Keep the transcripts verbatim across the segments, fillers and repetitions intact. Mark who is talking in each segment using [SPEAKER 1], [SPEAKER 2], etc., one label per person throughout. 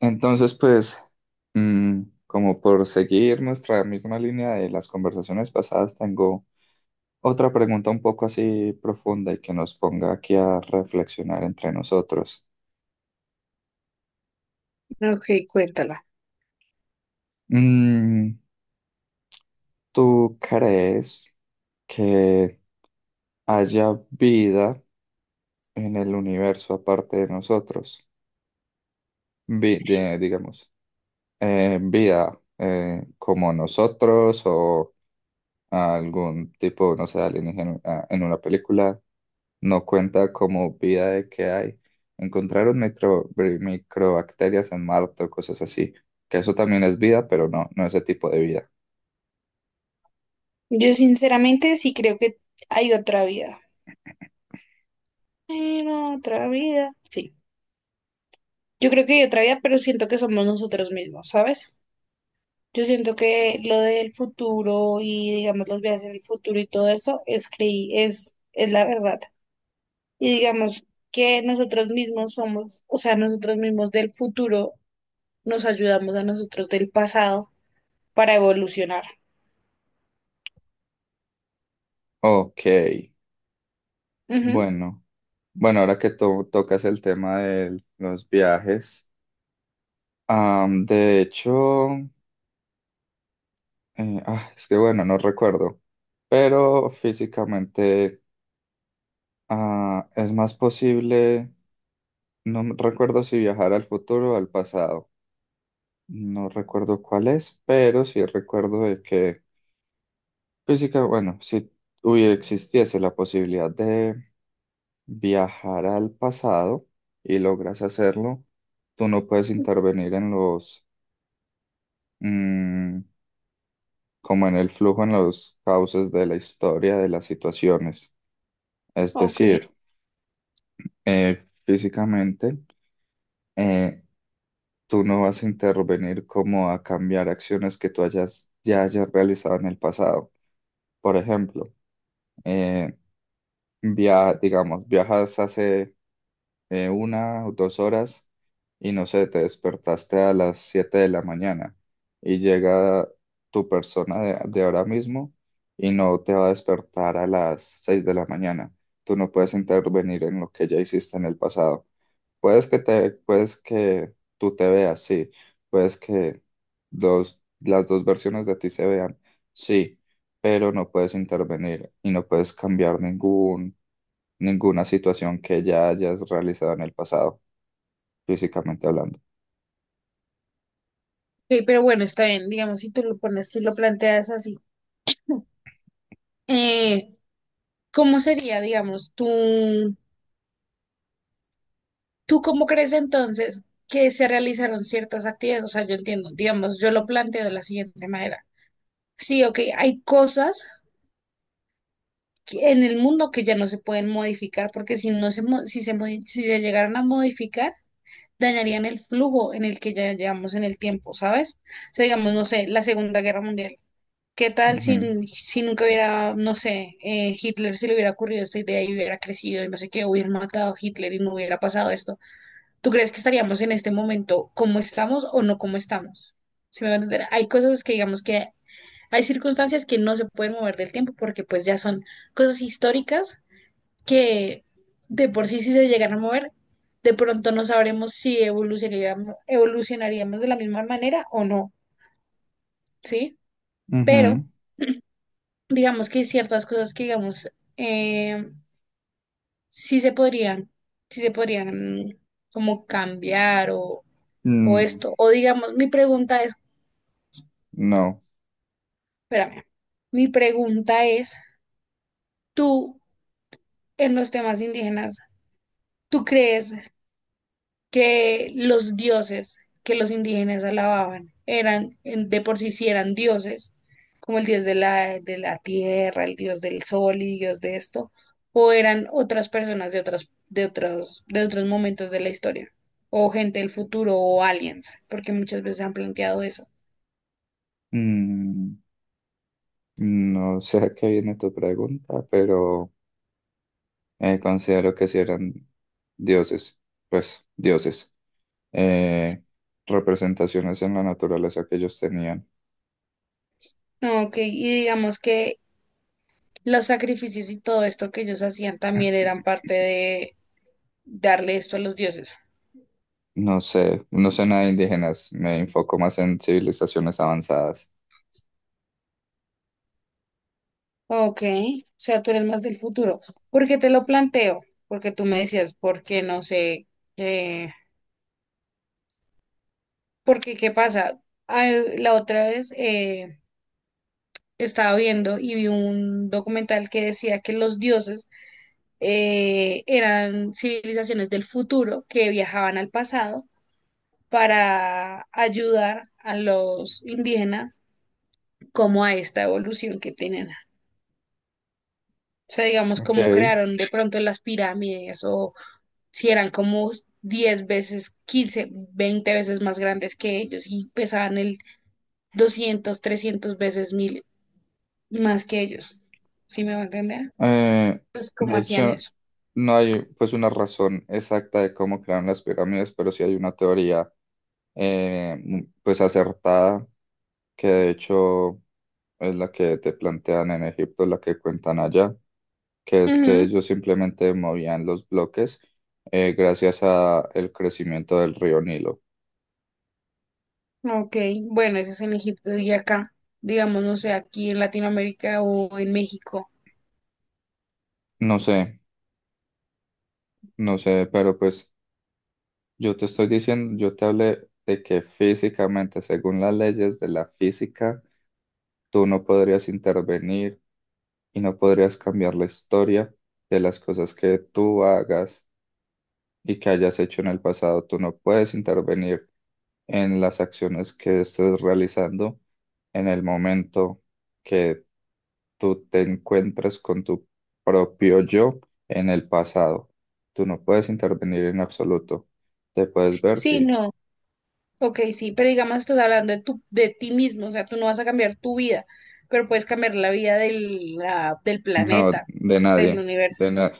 [SPEAKER 1] Entonces, pues, mm, como por seguir nuestra misma línea de las conversaciones pasadas, tengo otra pregunta un poco así profunda y que nos ponga aquí a reflexionar entre nosotros.
[SPEAKER 2] Ok, cuéntala.
[SPEAKER 1] Mm, ¿Tú crees que haya vida en el universo aparte de nosotros? Vi- de- digamos, eh, vida eh, como nosotros o a algún tipo, no sé, alienígena a- en una película, no cuenta como vida de que hay. Encontraron micro, bri- microbacterias en Marte o cosas así, que eso también es vida, pero no, no ese tipo de vida.
[SPEAKER 2] Yo sinceramente sí creo que hay otra vida. Hay otra vida. Sí. Yo creo que hay otra vida, pero siento que somos nosotros mismos, ¿sabes? Yo siento que lo del futuro y, digamos, los viajes en el futuro y todo eso es creí, es, es la verdad. Y digamos que nosotros mismos somos, o sea, nosotros mismos del futuro nos ayudamos a nosotros del pasado para evolucionar.
[SPEAKER 1] Ok,
[SPEAKER 2] Ujú.
[SPEAKER 1] bueno. Bueno, ahora que to- tocas el tema de los viajes, am, de hecho, eh, ah, es que bueno, no recuerdo, pero físicamente ah, es más posible. No me recuerdo si viajar al futuro o al pasado. No recuerdo cuál es, pero sí recuerdo de que física, bueno, si hubiera existiese la posibilidad de viajar al pasado y logras hacerlo, tú no puedes intervenir en los, mm, como en el flujo, en los cauces de la historia, de las situaciones. Es
[SPEAKER 2] Ok.
[SPEAKER 1] decir, eh, físicamente, eh, tú no vas a intervenir como a cambiar acciones que tú hayas, ya hayas realizado en el pasado. Por ejemplo, eh, via- digamos, viajas hace eh, una o dos horas y no sé, te despertaste a las siete de la mañana y llega tu persona de, de ahora mismo y no te va a despertar a las seis de la mañana. Tú no puedes intervenir en lo que ya hiciste en el pasado. Puedes que te, puedes que tú te veas, sí. Puedes que dos, las dos versiones de ti se vean, sí. Pero no puedes intervenir y no puedes cambiar ningún, ninguna situación que ya hayas realizado en el pasado, físicamente hablando.
[SPEAKER 2] Ok, pero bueno, está bien, digamos, si tú lo pones, si lo planteas así. Eh, ¿Cómo sería, digamos, tú, tú cómo crees entonces que se realizaron ciertas actividades? O sea, yo entiendo, digamos, yo lo planteo de la siguiente manera. Sí, ok, hay cosas que- en el mundo que ya no se pueden modificar porque si no se, mo- si se, modi- si se llegaran a modificar, dañarían el flujo en el que ya llevamos en el tiempo, ¿sabes? O sea, digamos, no sé, la Segunda Guerra Mundial. ¿Qué tal
[SPEAKER 1] Ujú,
[SPEAKER 2] si, si nunca hubiera, no sé, eh, Hitler se le hubiera ocurrido esta idea y hubiera crecido y no sé qué, hubieran matado a Hitler y no hubiera pasado esto? ¿Tú crees que estaríamos en este momento como estamos o no como estamos? Si me va a entender, hay cosas que digamos que hay circunstancias que no se pueden mover del tiempo porque pues ya son cosas históricas que de por sí si se llegan a mover, de pronto no sabremos si evolucionaríamos, evolucionaríamos de la misma manera o no, ¿sí? Pero
[SPEAKER 1] ujú.
[SPEAKER 2] digamos que hay ciertas cosas que, digamos, eh, sí se podrían, sí se podrían como cambiar o, o
[SPEAKER 1] Mm,
[SPEAKER 2] esto. O digamos, mi pregunta es,
[SPEAKER 1] no.
[SPEAKER 2] espérame, mi pregunta es, tú en los temas indígenas, ¿tú crees que los dioses que los indígenas alababan eran en- de por sí sí eran dioses, como el dios de la, de la tierra, el dios del sol y dios de esto, o eran otras personas de otras, de otros, de otros momentos de la historia, o gente del futuro, o aliens, porque muchas veces han planteado eso.
[SPEAKER 1] Mm, no sé a qué viene tu pregunta, pero eh, considero que si eran dioses, pues dioses. eh, Representaciones en la naturaleza que ellos tenían.
[SPEAKER 2] No, ok, y digamos que los sacrificios y todo esto que ellos hacían también eran parte de darle esto a los dioses.
[SPEAKER 1] No sé, no sé nada de indígenas, me enfoco más en civilizaciones avanzadas.
[SPEAKER 2] Ok, o sea, tú eres más del futuro. ¿Por qué te lo planteo? Porque tú me decías, porque no sé, eh, porque qué pasa. Ay, la otra vez eh, estaba viendo y vi un documental que decía que los dioses eh, eran civilizaciones del futuro que viajaban al pasado para ayudar a los indígenas como a esta evolución que tienen. O sea, digamos,
[SPEAKER 1] Ok.
[SPEAKER 2] cómo
[SPEAKER 1] Eh,
[SPEAKER 2] crearon de pronto las pirámides o si eran como diez veces, quince veinte veces más grandes que ellos y pesaban el doscientos trescientos veces mil más que ellos. ¿Sí me va a entender? Pues cómo
[SPEAKER 1] de
[SPEAKER 2] hacían
[SPEAKER 1] hecho,
[SPEAKER 2] eso.
[SPEAKER 1] no hay pues una razón exacta de cómo crearon las pirámides, pero sí hay una teoría eh, m- pues acertada que de hecho es la que te plantean en Egipto, la que cuentan allá, que es que
[SPEAKER 2] Ujú.
[SPEAKER 1] ellos simplemente movían los bloques eh, gracias a el crecimiento del río Nilo.
[SPEAKER 2] Ok, bueno, eso es en Egipto y acá, digamos, no sé, aquí en Latinoamérica o en México.
[SPEAKER 1] No sé, no sé, pero pues yo te estoy diciendo, yo te hablé de que físicamente, según las leyes de la física, tú no podrías intervenir y no podrías cambiar la historia de las cosas que tú hagas, y que hayas hecho en el pasado. Tú no puedes intervenir en las acciones que estés realizando en el momento que tú te encuentras con tu propio yo en el pasado. Tú no puedes intervenir en absoluto. Te puedes ver,
[SPEAKER 2] Sí,
[SPEAKER 1] sí.
[SPEAKER 2] no, ok, sí, pero digamos, estás hablando de, tu, de ti mismo, o sea, tú no vas a cambiar tu vida, pero puedes cambiar la vida del, la- del
[SPEAKER 1] No,
[SPEAKER 2] planeta,
[SPEAKER 1] de
[SPEAKER 2] del
[SPEAKER 1] nadie.
[SPEAKER 2] universo.
[SPEAKER 1] De na-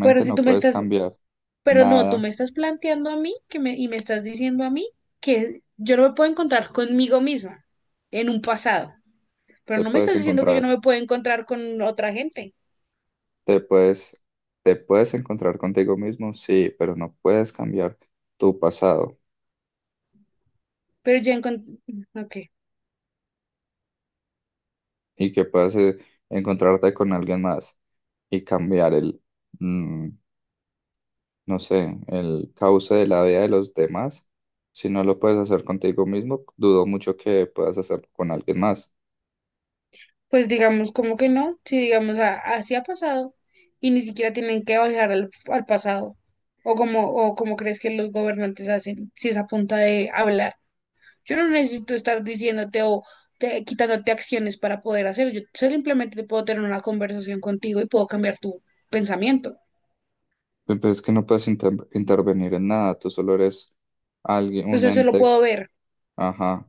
[SPEAKER 2] Pero si
[SPEAKER 1] no
[SPEAKER 2] tú me
[SPEAKER 1] puedes
[SPEAKER 2] estás
[SPEAKER 1] cambiar
[SPEAKER 2] Pero no, tú
[SPEAKER 1] nada.
[SPEAKER 2] me estás planteando a mí que me, y me estás diciendo a mí que yo no me puedo encontrar conmigo misma en un pasado, pero
[SPEAKER 1] Te
[SPEAKER 2] no me
[SPEAKER 1] puedes
[SPEAKER 2] estás diciendo que yo
[SPEAKER 1] encontrar.
[SPEAKER 2] no me puedo encontrar con otra gente,
[SPEAKER 1] Te puedes, te puedes encontrar contigo mismo, sí, pero no puedes cambiar tu pasado.
[SPEAKER 2] pero ya encontré, ok,
[SPEAKER 1] Y que puedas eh, encontrarte con alguien más y cambiar el, mm, no sé, el cauce de la vida de los demás. Si no lo puedes hacer contigo mismo, dudo mucho que puedas hacerlo con alguien más.
[SPEAKER 2] pues digamos como que no, si digamos a- así ha pasado y ni siquiera tienen que bajar al, al pasado, o como, o como crees que los gobernantes hacen, si es a punta de hablar. Yo no necesito estar diciéndote o te- quitándote acciones para poder hacer. Yo simplemente puedo tener una conversación contigo y puedo cambiar tu pensamiento.
[SPEAKER 1] Pe- Pero es que no puedes inter- intervenir en nada, tú solo eres alguien, un
[SPEAKER 2] Entonces, eso lo
[SPEAKER 1] ente,
[SPEAKER 2] puedo ver.
[SPEAKER 1] ajá,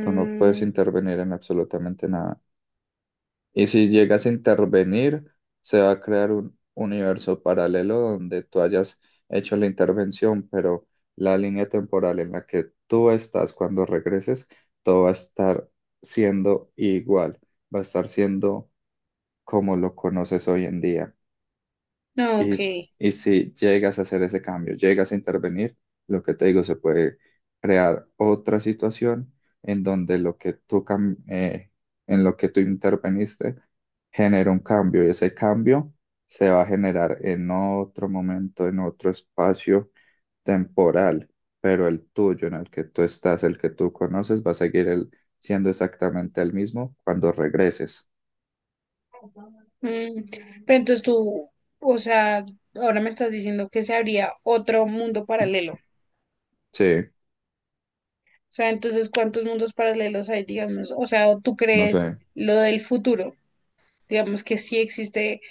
[SPEAKER 1] tú no puedes intervenir en absolutamente nada. Y si llegas a intervenir, se va a crear un universo paralelo donde tú hayas hecho la intervención, pero la línea temporal en la que tú estás cuando regreses, todo va a estar siendo igual, va a estar siendo como lo conoces hoy en día.
[SPEAKER 2] no, ok.
[SPEAKER 1] Y, y si llegas a hacer ese cambio, llegas a intervenir, lo que te digo, se puede crear otra situación en donde lo que tú, cam- eh, en lo que tú interveniste genera un cambio y ese cambio se va a generar en otro momento, en otro espacio temporal, pero el tuyo, en el que tú estás, el que tú conoces, va a seguir el- siendo exactamente el mismo cuando regreses.
[SPEAKER 2] Mm, pero entonces tú, o sea, ahora me estás diciendo que se habría otro mundo paralelo.
[SPEAKER 1] Sí,
[SPEAKER 2] O sea, entonces, ¿cuántos mundos paralelos hay, digamos? O sea, ¿o ¿tú
[SPEAKER 1] no sé,
[SPEAKER 2] crees lo del futuro? Digamos que sí existe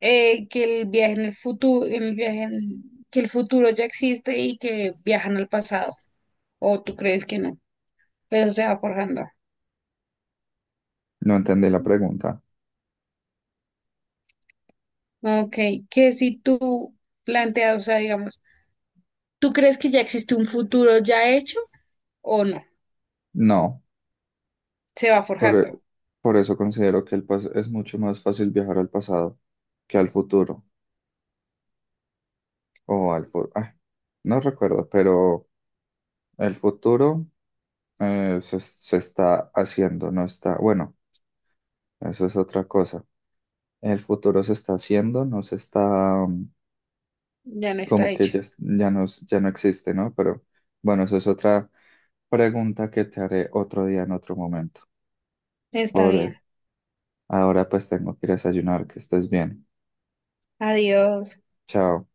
[SPEAKER 2] eh, que el viaje en el futuro, el viaje en- que el futuro ya existe y que viajan al pasado, o tú crees que no, eso se va forjando.
[SPEAKER 1] no entendí la pregunta.
[SPEAKER 2] Ok, que si tú planteas, o sea, digamos, ¿tú crees que ya existe un futuro ya hecho o no?
[SPEAKER 1] No.
[SPEAKER 2] Se va
[SPEAKER 1] Por, e-
[SPEAKER 2] forjando,
[SPEAKER 1] por eso considero que el pas- es mucho más fácil viajar al pasado que al futuro. O al fu- ah, no recuerdo, pero el futuro eh, se, se está haciendo, no está. Bueno, eso es otra cosa. El futuro se está haciendo, no se está mm,
[SPEAKER 2] ya no está
[SPEAKER 1] como que
[SPEAKER 2] hecho.
[SPEAKER 1] ya, es- ya no, es- ya no existe, ¿no? Pero bueno, eso es otra pregunta que te haré otro día en otro momento.
[SPEAKER 2] Está bien,
[SPEAKER 1] Por ahora pues tengo que ir a desayunar, que estés bien.
[SPEAKER 2] adiós.
[SPEAKER 1] Chao.